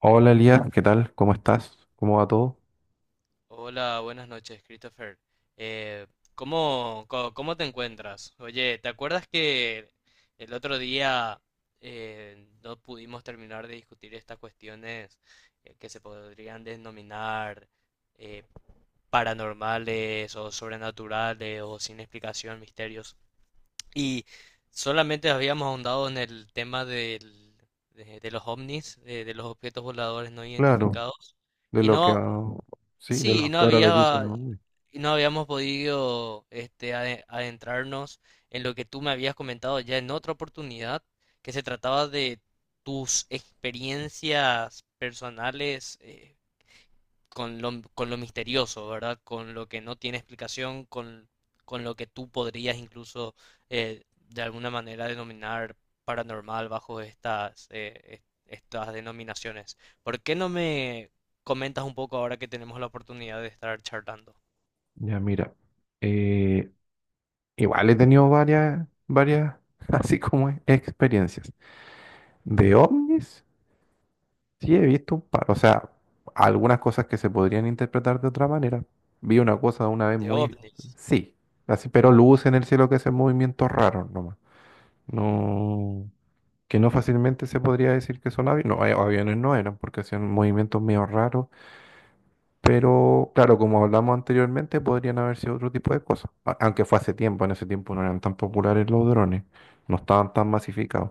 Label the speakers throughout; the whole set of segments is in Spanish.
Speaker 1: Hola Elías, ¿qué tal? ¿Cómo estás? ¿Cómo va todo?
Speaker 2: Hola, buenas noches, Christopher. Eh, ¿Cómo, cómo te encuentras? Oye, ¿te acuerdas que el otro día no pudimos terminar de discutir estas cuestiones que se podrían denominar eh, paranormales o sobrenaturales o sin explicación, misterios? Y solamente habíamos ahondado en el tema de los ovnis, de los objetos voladores no
Speaker 1: Claro,
Speaker 2: identificados.
Speaker 1: de
Speaker 2: Y
Speaker 1: lo que
Speaker 2: no
Speaker 1: a- sí, de
Speaker 2: Sí,
Speaker 1: lo que ahora les dicen, ¿no?
Speaker 2: y no habíamos podido adentrarnos en lo que tú me habías comentado ya en otra oportunidad, que se trataba de tus experiencias personales, con lo misterioso, ¿verdad? Con lo que no tiene explicación, con lo que tú podrías incluso de alguna manera denominar paranormal bajo estas, estas denominaciones. ¿Por qué no me comentas un poco ahora que tenemos la oportunidad de estar charlando
Speaker 1: Ya mira, eh, igual he tenido varias, así como es, experiencias. De ovnis, sí he visto un par, o sea, algunas cosas que se podrían interpretar de otra manera. Vi una cosa una vez
Speaker 2: de
Speaker 1: muy,
Speaker 2: ovnis?
Speaker 1: sí, así, pero luz en el cielo que es movimientos raros nomás. No. Que no fácilmente se podría decir que son aviones. No, aviones no eran porque hacían movimientos medio raros, pero claro, como hablamos anteriormente, podrían haber sido otro tipo de cosas. Aunque fue hace tiempo, en ese tiempo no eran tan populares los drones, no estaban tan masificados.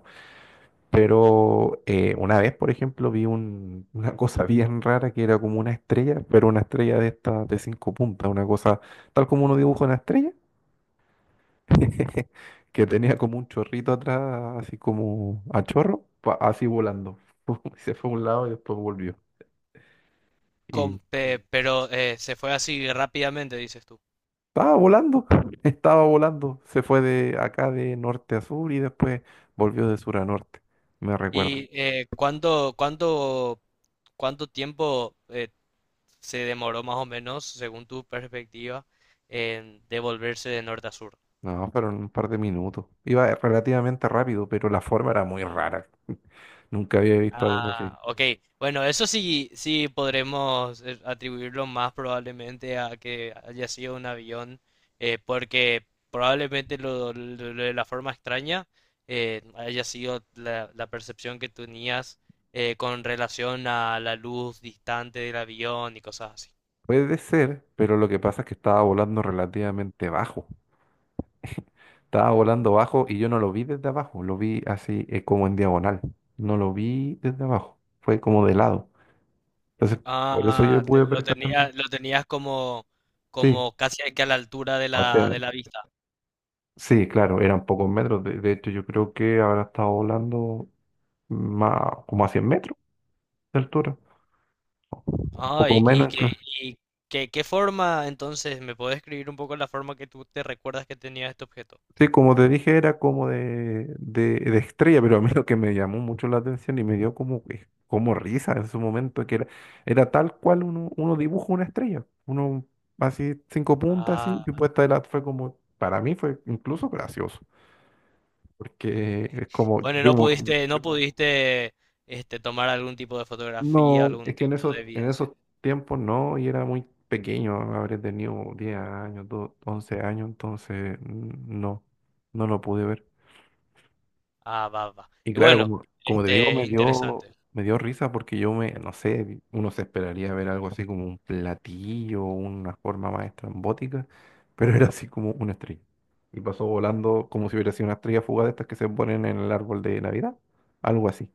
Speaker 1: Pero una vez, por ejemplo, vi una cosa bien rara que era como una estrella, pero una estrella de estas de 5 puntas, una cosa tal como uno dibuja una estrella que tenía como un chorrito atrás, así como a chorro, así volando. Se fue a un lado y después volvió. Y
Speaker 2: Pero se fue así rápidamente, dices tú.
Speaker 1: estaba volando, estaba volando. Se fue de acá de norte a sur y después volvió de sur a norte. Me recuerdo.
Speaker 2: ¿Y cuánto, cuánto tiempo se demoró más o menos, según tu perspectiva, en devolverse de norte a sur?
Speaker 1: No, fueron un par de minutos. Iba relativamente rápido, pero la forma era muy rara. Nunca había visto algo así.
Speaker 2: Ah, ok. Bueno, eso sí, sí podremos atribuirlo más probablemente a que haya sido un avión, porque probablemente lo, lo de la forma extraña haya sido la, la percepción que tenías con relación a la luz distante del avión y cosas así.
Speaker 1: Puede ser, pero lo que pasa es que estaba volando relativamente bajo. Estaba volando bajo y yo no lo vi desde abajo, lo vi así como en diagonal. No lo vi desde abajo, fue como de lado. Entonces, por eso
Speaker 2: Ah,
Speaker 1: yo pude percatarme.
Speaker 2: lo tenías como,
Speaker 1: Sí,
Speaker 2: como casi que a la altura
Speaker 1: o sea,
Speaker 2: de la vista.
Speaker 1: sí, claro, eran pocos metros. De hecho, yo creo que habrá estado volando más, como a 100 metros de altura, un
Speaker 2: Ah,
Speaker 1: poco
Speaker 2: y
Speaker 1: menos.
Speaker 2: que, y qué forma, entonces, ¿me puedes escribir un poco la forma que tú te recuerdas que tenía este objeto?
Speaker 1: Sí, como te dije, era como de estrella, pero a mí lo que me llamó mucho la atención y me dio como, como risa en su momento, que era tal cual uno dibuja una estrella, uno así, 5 puntas, así,
Speaker 2: Ah,
Speaker 1: y puesta de la, fue como, para mí fue incluso gracioso, porque es como,
Speaker 2: bueno,
Speaker 1: yo,
Speaker 2: no pudiste, no pudiste, tomar algún tipo de fotografía,
Speaker 1: no,
Speaker 2: algún
Speaker 1: es que en
Speaker 2: tipo
Speaker 1: esos,
Speaker 2: de
Speaker 1: en
Speaker 2: evidencia.
Speaker 1: esos tiempos no, y era muy pequeño, habré tenido 10 años, 11 años, entonces no, no lo pude ver.
Speaker 2: Ah, va, va.
Speaker 1: Y
Speaker 2: Y
Speaker 1: claro,
Speaker 2: bueno,
Speaker 1: como te digo, me dio,
Speaker 2: interesante.
Speaker 1: me dio risa porque yo me, no sé, uno se esperaría ver algo así como un platillo, una forma más estrambótica, pero era así como una estrella. Y pasó volando como si hubiera sido una estrella fugaz de estas que se ponen en el árbol de Navidad, algo así.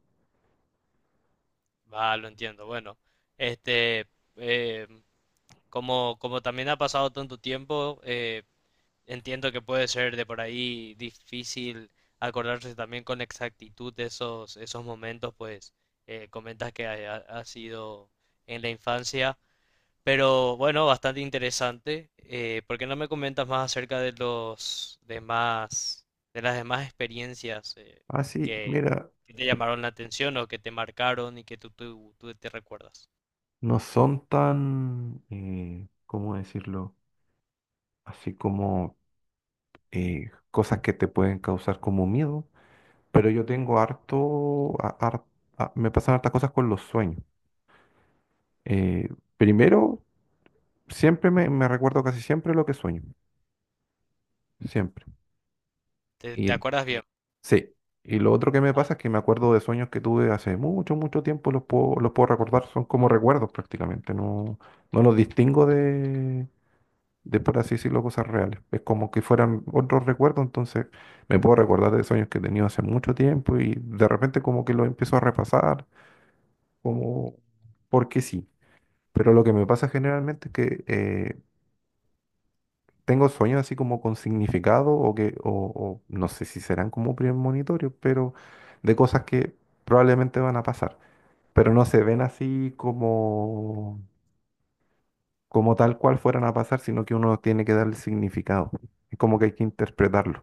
Speaker 2: Va, lo entiendo. Bueno, este, eh, como, como también ha pasado tanto tiempo, entiendo que puede ser de por ahí difícil acordarse también con exactitud de esos, esos momentos, pues comentas que ha, ha sido en la infancia, pero bueno, bastante interesante. ¿Por qué no me comentas más acerca de los demás, de las demás experiencias
Speaker 1: Así,
Speaker 2: que,
Speaker 1: mira,
Speaker 2: que te llamaron la atención o que te marcaron y que tú, tú te recuerdas?
Speaker 1: no son tan, ¿cómo decirlo? Así como cosas que te pueden causar como miedo, pero yo tengo harto, a- har- a- me pasan hartas cosas con los sueños. Eh, primero, siempre me recuerdo casi siempre lo que sueño, siempre.
Speaker 2: ¿Te, te
Speaker 1: Y
Speaker 2: acuerdas bien?
Speaker 1: sí, y lo otro que me pasa es que me acuerdo de sueños que tuve hace mucho, mucho tiempo, los puedo recordar, son como recuerdos prácticamente, no, no los distingo de, por así decirlo, cosas reales. Es como que fueran otros recuerdos, entonces me puedo recordar de sueños que he tenido hace mucho tiempo y de repente como que los empiezo a repasar, como porque sí. Pero lo que me pasa generalmente es que tengo sueños así como con significado o que, o no sé si serán como premonitorios, pero de cosas que probablemente van a pasar. Pero no se ven así como, tal cual fueran a pasar, sino que uno tiene que darle significado. Es como que hay que interpretarlo.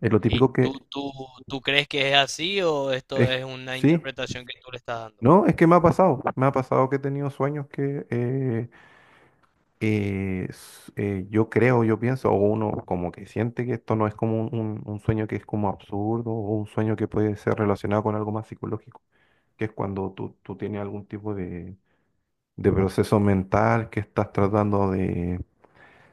Speaker 1: Es lo
Speaker 2: ¿Y
Speaker 1: típico
Speaker 2: tú,
Speaker 1: que
Speaker 2: tú, tú crees que es así o esto
Speaker 1: es,
Speaker 2: es una
Speaker 1: sí,
Speaker 2: interpretación que tú le estás dando?
Speaker 1: no, es que me ha pasado. Me ha pasado que he tenido sueños que yo creo, yo pienso, o uno como que siente que esto no es como un sueño que es como absurdo o un sueño que puede ser relacionado con algo más psicológico, que es cuando tú tienes algún tipo de proceso mental que estás tratando de,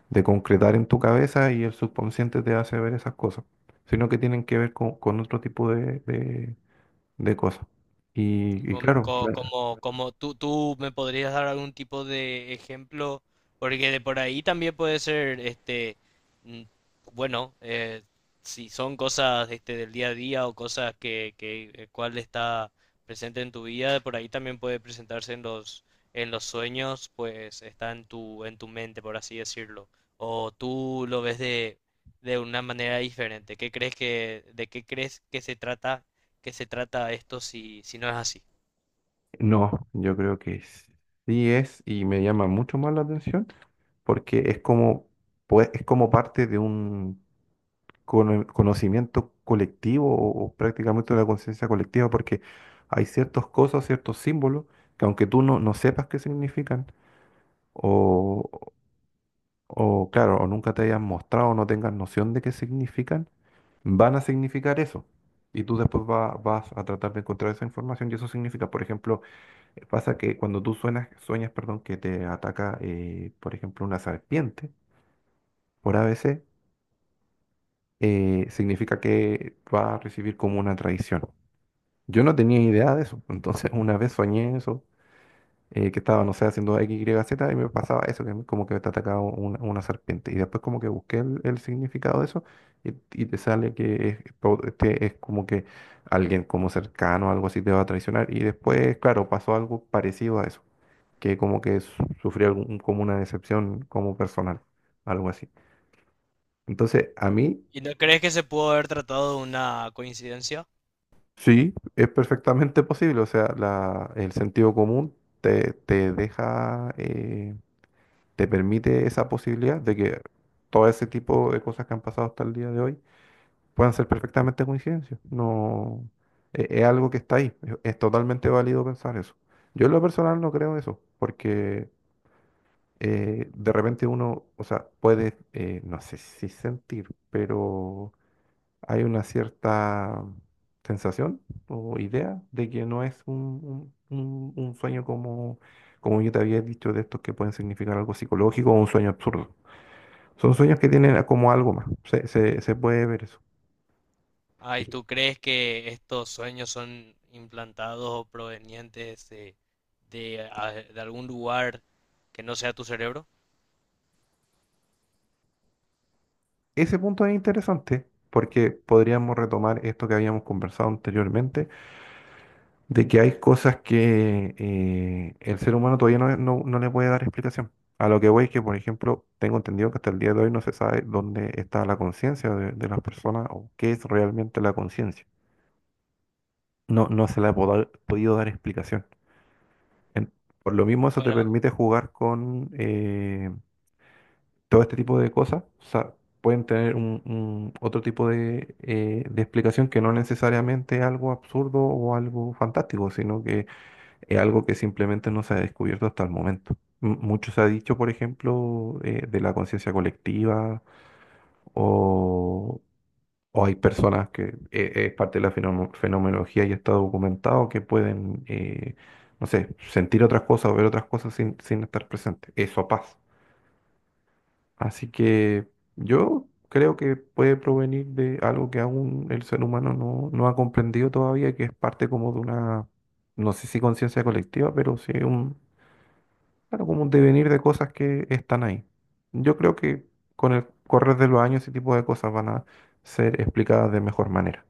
Speaker 1: de concretar en tu cabeza y el subconsciente te hace ver esas cosas, sino que tienen que ver con otro tipo de cosas. Y claro,
Speaker 2: Como, como, tú me podrías dar algún tipo de ejemplo, porque de por ahí también puede ser, mm, bueno, si son cosas, del día a día o cosas que el cual está presente en tu vida, de por ahí también puede presentarse en los sueños, pues está en tu mente, por así decirlo, o tú lo ves de una manera diferente. ¿Qué crees que, de qué crees que se trata esto si, si no es así?
Speaker 1: no, yo creo que sí es y me llama mucho más la atención porque es como, pues, es como parte de un conocimiento colectivo o prácticamente una conciencia colectiva, porque hay ciertas cosas, ciertos símbolos que aunque tú no, no sepas qué significan, o, o claro, o nunca te hayan mostrado o no tengas noción de qué significan, van a significar eso. Y tú después vas a tratar de encontrar esa información y eso significa, por ejemplo, pasa que cuando tú suenas, sueñas, perdón, que te ataca, por ejemplo, una serpiente por a ABC, significa que va a recibir como una traición. Yo no tenía idea de eso, entonces una vez soñé eso, que estaba, no sé, haciendo X, Y, Z y me pasaba eso, que como que te atacaba una serpiente. Y después como que busqué el significado de eso y te sale que es como que alguien como cercano, algo así, te va a traicionar. Y después, claro, pasó algo parecido a eso, que como que sufrí algún, como una decepción como personal, algo así. Entonces, a mí
Speaker 2: ¿Y no crees que se pudo haber tratado de una coincidencia?
Speaker 1: sí, es perfectamente posible. O sea, el sentido común te deja, te permite esa posibilidad de que todo ese tipo de cosas que han pasado hasta el día de hoy puedan ser perfectamente coincidencias. No, es algo que está ahí. Es totalmente válido pensar eso. Yo en lo personal no creo eso, porque de repente uno, o sea, puede, no sé si sentir, pero hay una cierta sensación o idea de que no es un sueño como, yo te había dicho de estos que pueden significar algo psicológico o un sueño absurdo. Son sueños que tienen como algo más. Se puede ver eso.
Speaker 2: Ay,
Speaker 1: Eje-
Speaker 2: ¿tú crees que estos sueños son implantados o provenientes de, de algún lugar que no sea tu cerebro?
Speaker 1: Ese punto es interesante porque podríamos retomar esto que habíamos conversado anteriormente de que hay cosas que el ser humano todavía no, no, no le puede dar explicación. A lo que voy es que, por ejemplo, tengo entendido que hasta el día de hoy no se sabe dónde está la conciencia de las personas o qué es realmente la conciencia. No, no se le ha podido dar explicación. En- por lo mismo, eso te
Speaker 2: Bueno,
Speaker 1: permite jugar con todo este tipo de cosas. O sea, pueden tener un otro tipo de explicación que no necesariamente algo absurdo o algo fantástico, sino que es algo que simplemente no se ha descubierto hasta el momento. Mucho se ha dicho, por ejemplo, de la conciencia colectiva o, o hay personas que es parte de la fenomenología y está documentado que pueden, no sé, sentir otras cosas o ver otras cosas sin estar presentes. Eso pasa. Así que yo creo que puede provenir de algo que aún el ser humano no, no ha comprendido todavía, que es parte como de una, no sé si conciencia colectiva, pero sí, claro, como un devenir de cosas que están ahí. Yo creo que con el correr de los años ese tipo de cosas van a ser explicadas de mejor manera.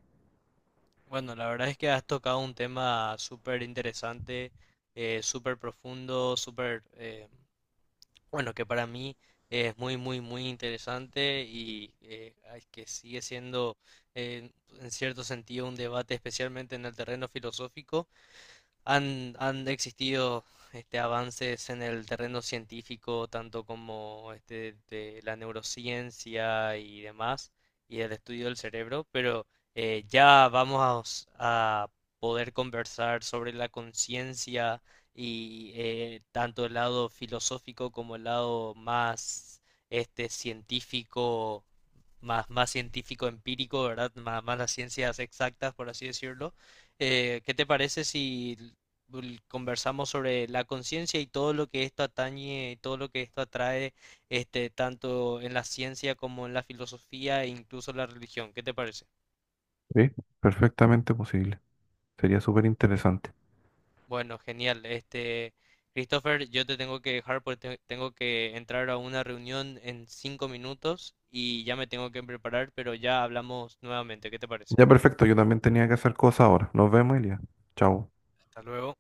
Speaker 2: bueno, la verdad es que has tocado un tema súper interesante, súper profundo, súper bueno, que para mí es muy, muy, muy interesante y ay, que sigue siendo eh, en cierto sentido un debate, especialmente en el terreno filosófico, han, han existido avances en el terreno científico, tanto como de la neurociencia y demás, y el estudio del cerebro, pero ya vamos a poder conversar sobre la conciencia y tanto el lado filosófico como el lado más científico, más, más científico empírico, ¿verdad? Más, más las ciencias exactas, por así decirlo. ¿Qué te parece si conversamos sobre la conciencia y todo lo que esto atañe, y todo lo que esto atrae, tanto en la ciencia como en la filosofía e incluso la religión? ¿Qué te parece?
Speaker 1: Sí, perfectamente posible. Sería súper interesante.
Speaker 2: Bueno, genial. Christopher, yo te tengo que dejar porque tengo que entrar a una reunión en 5 minutos y ya me tengo que preparar, pero ya hablamos nuevamente. ¿Qué te parece?
Speaker 1: Ya perfecto, yo también tenía que hacer cosas ahora. Nos vemos, Elia. Chao.
Speaker 2: Hasta luego.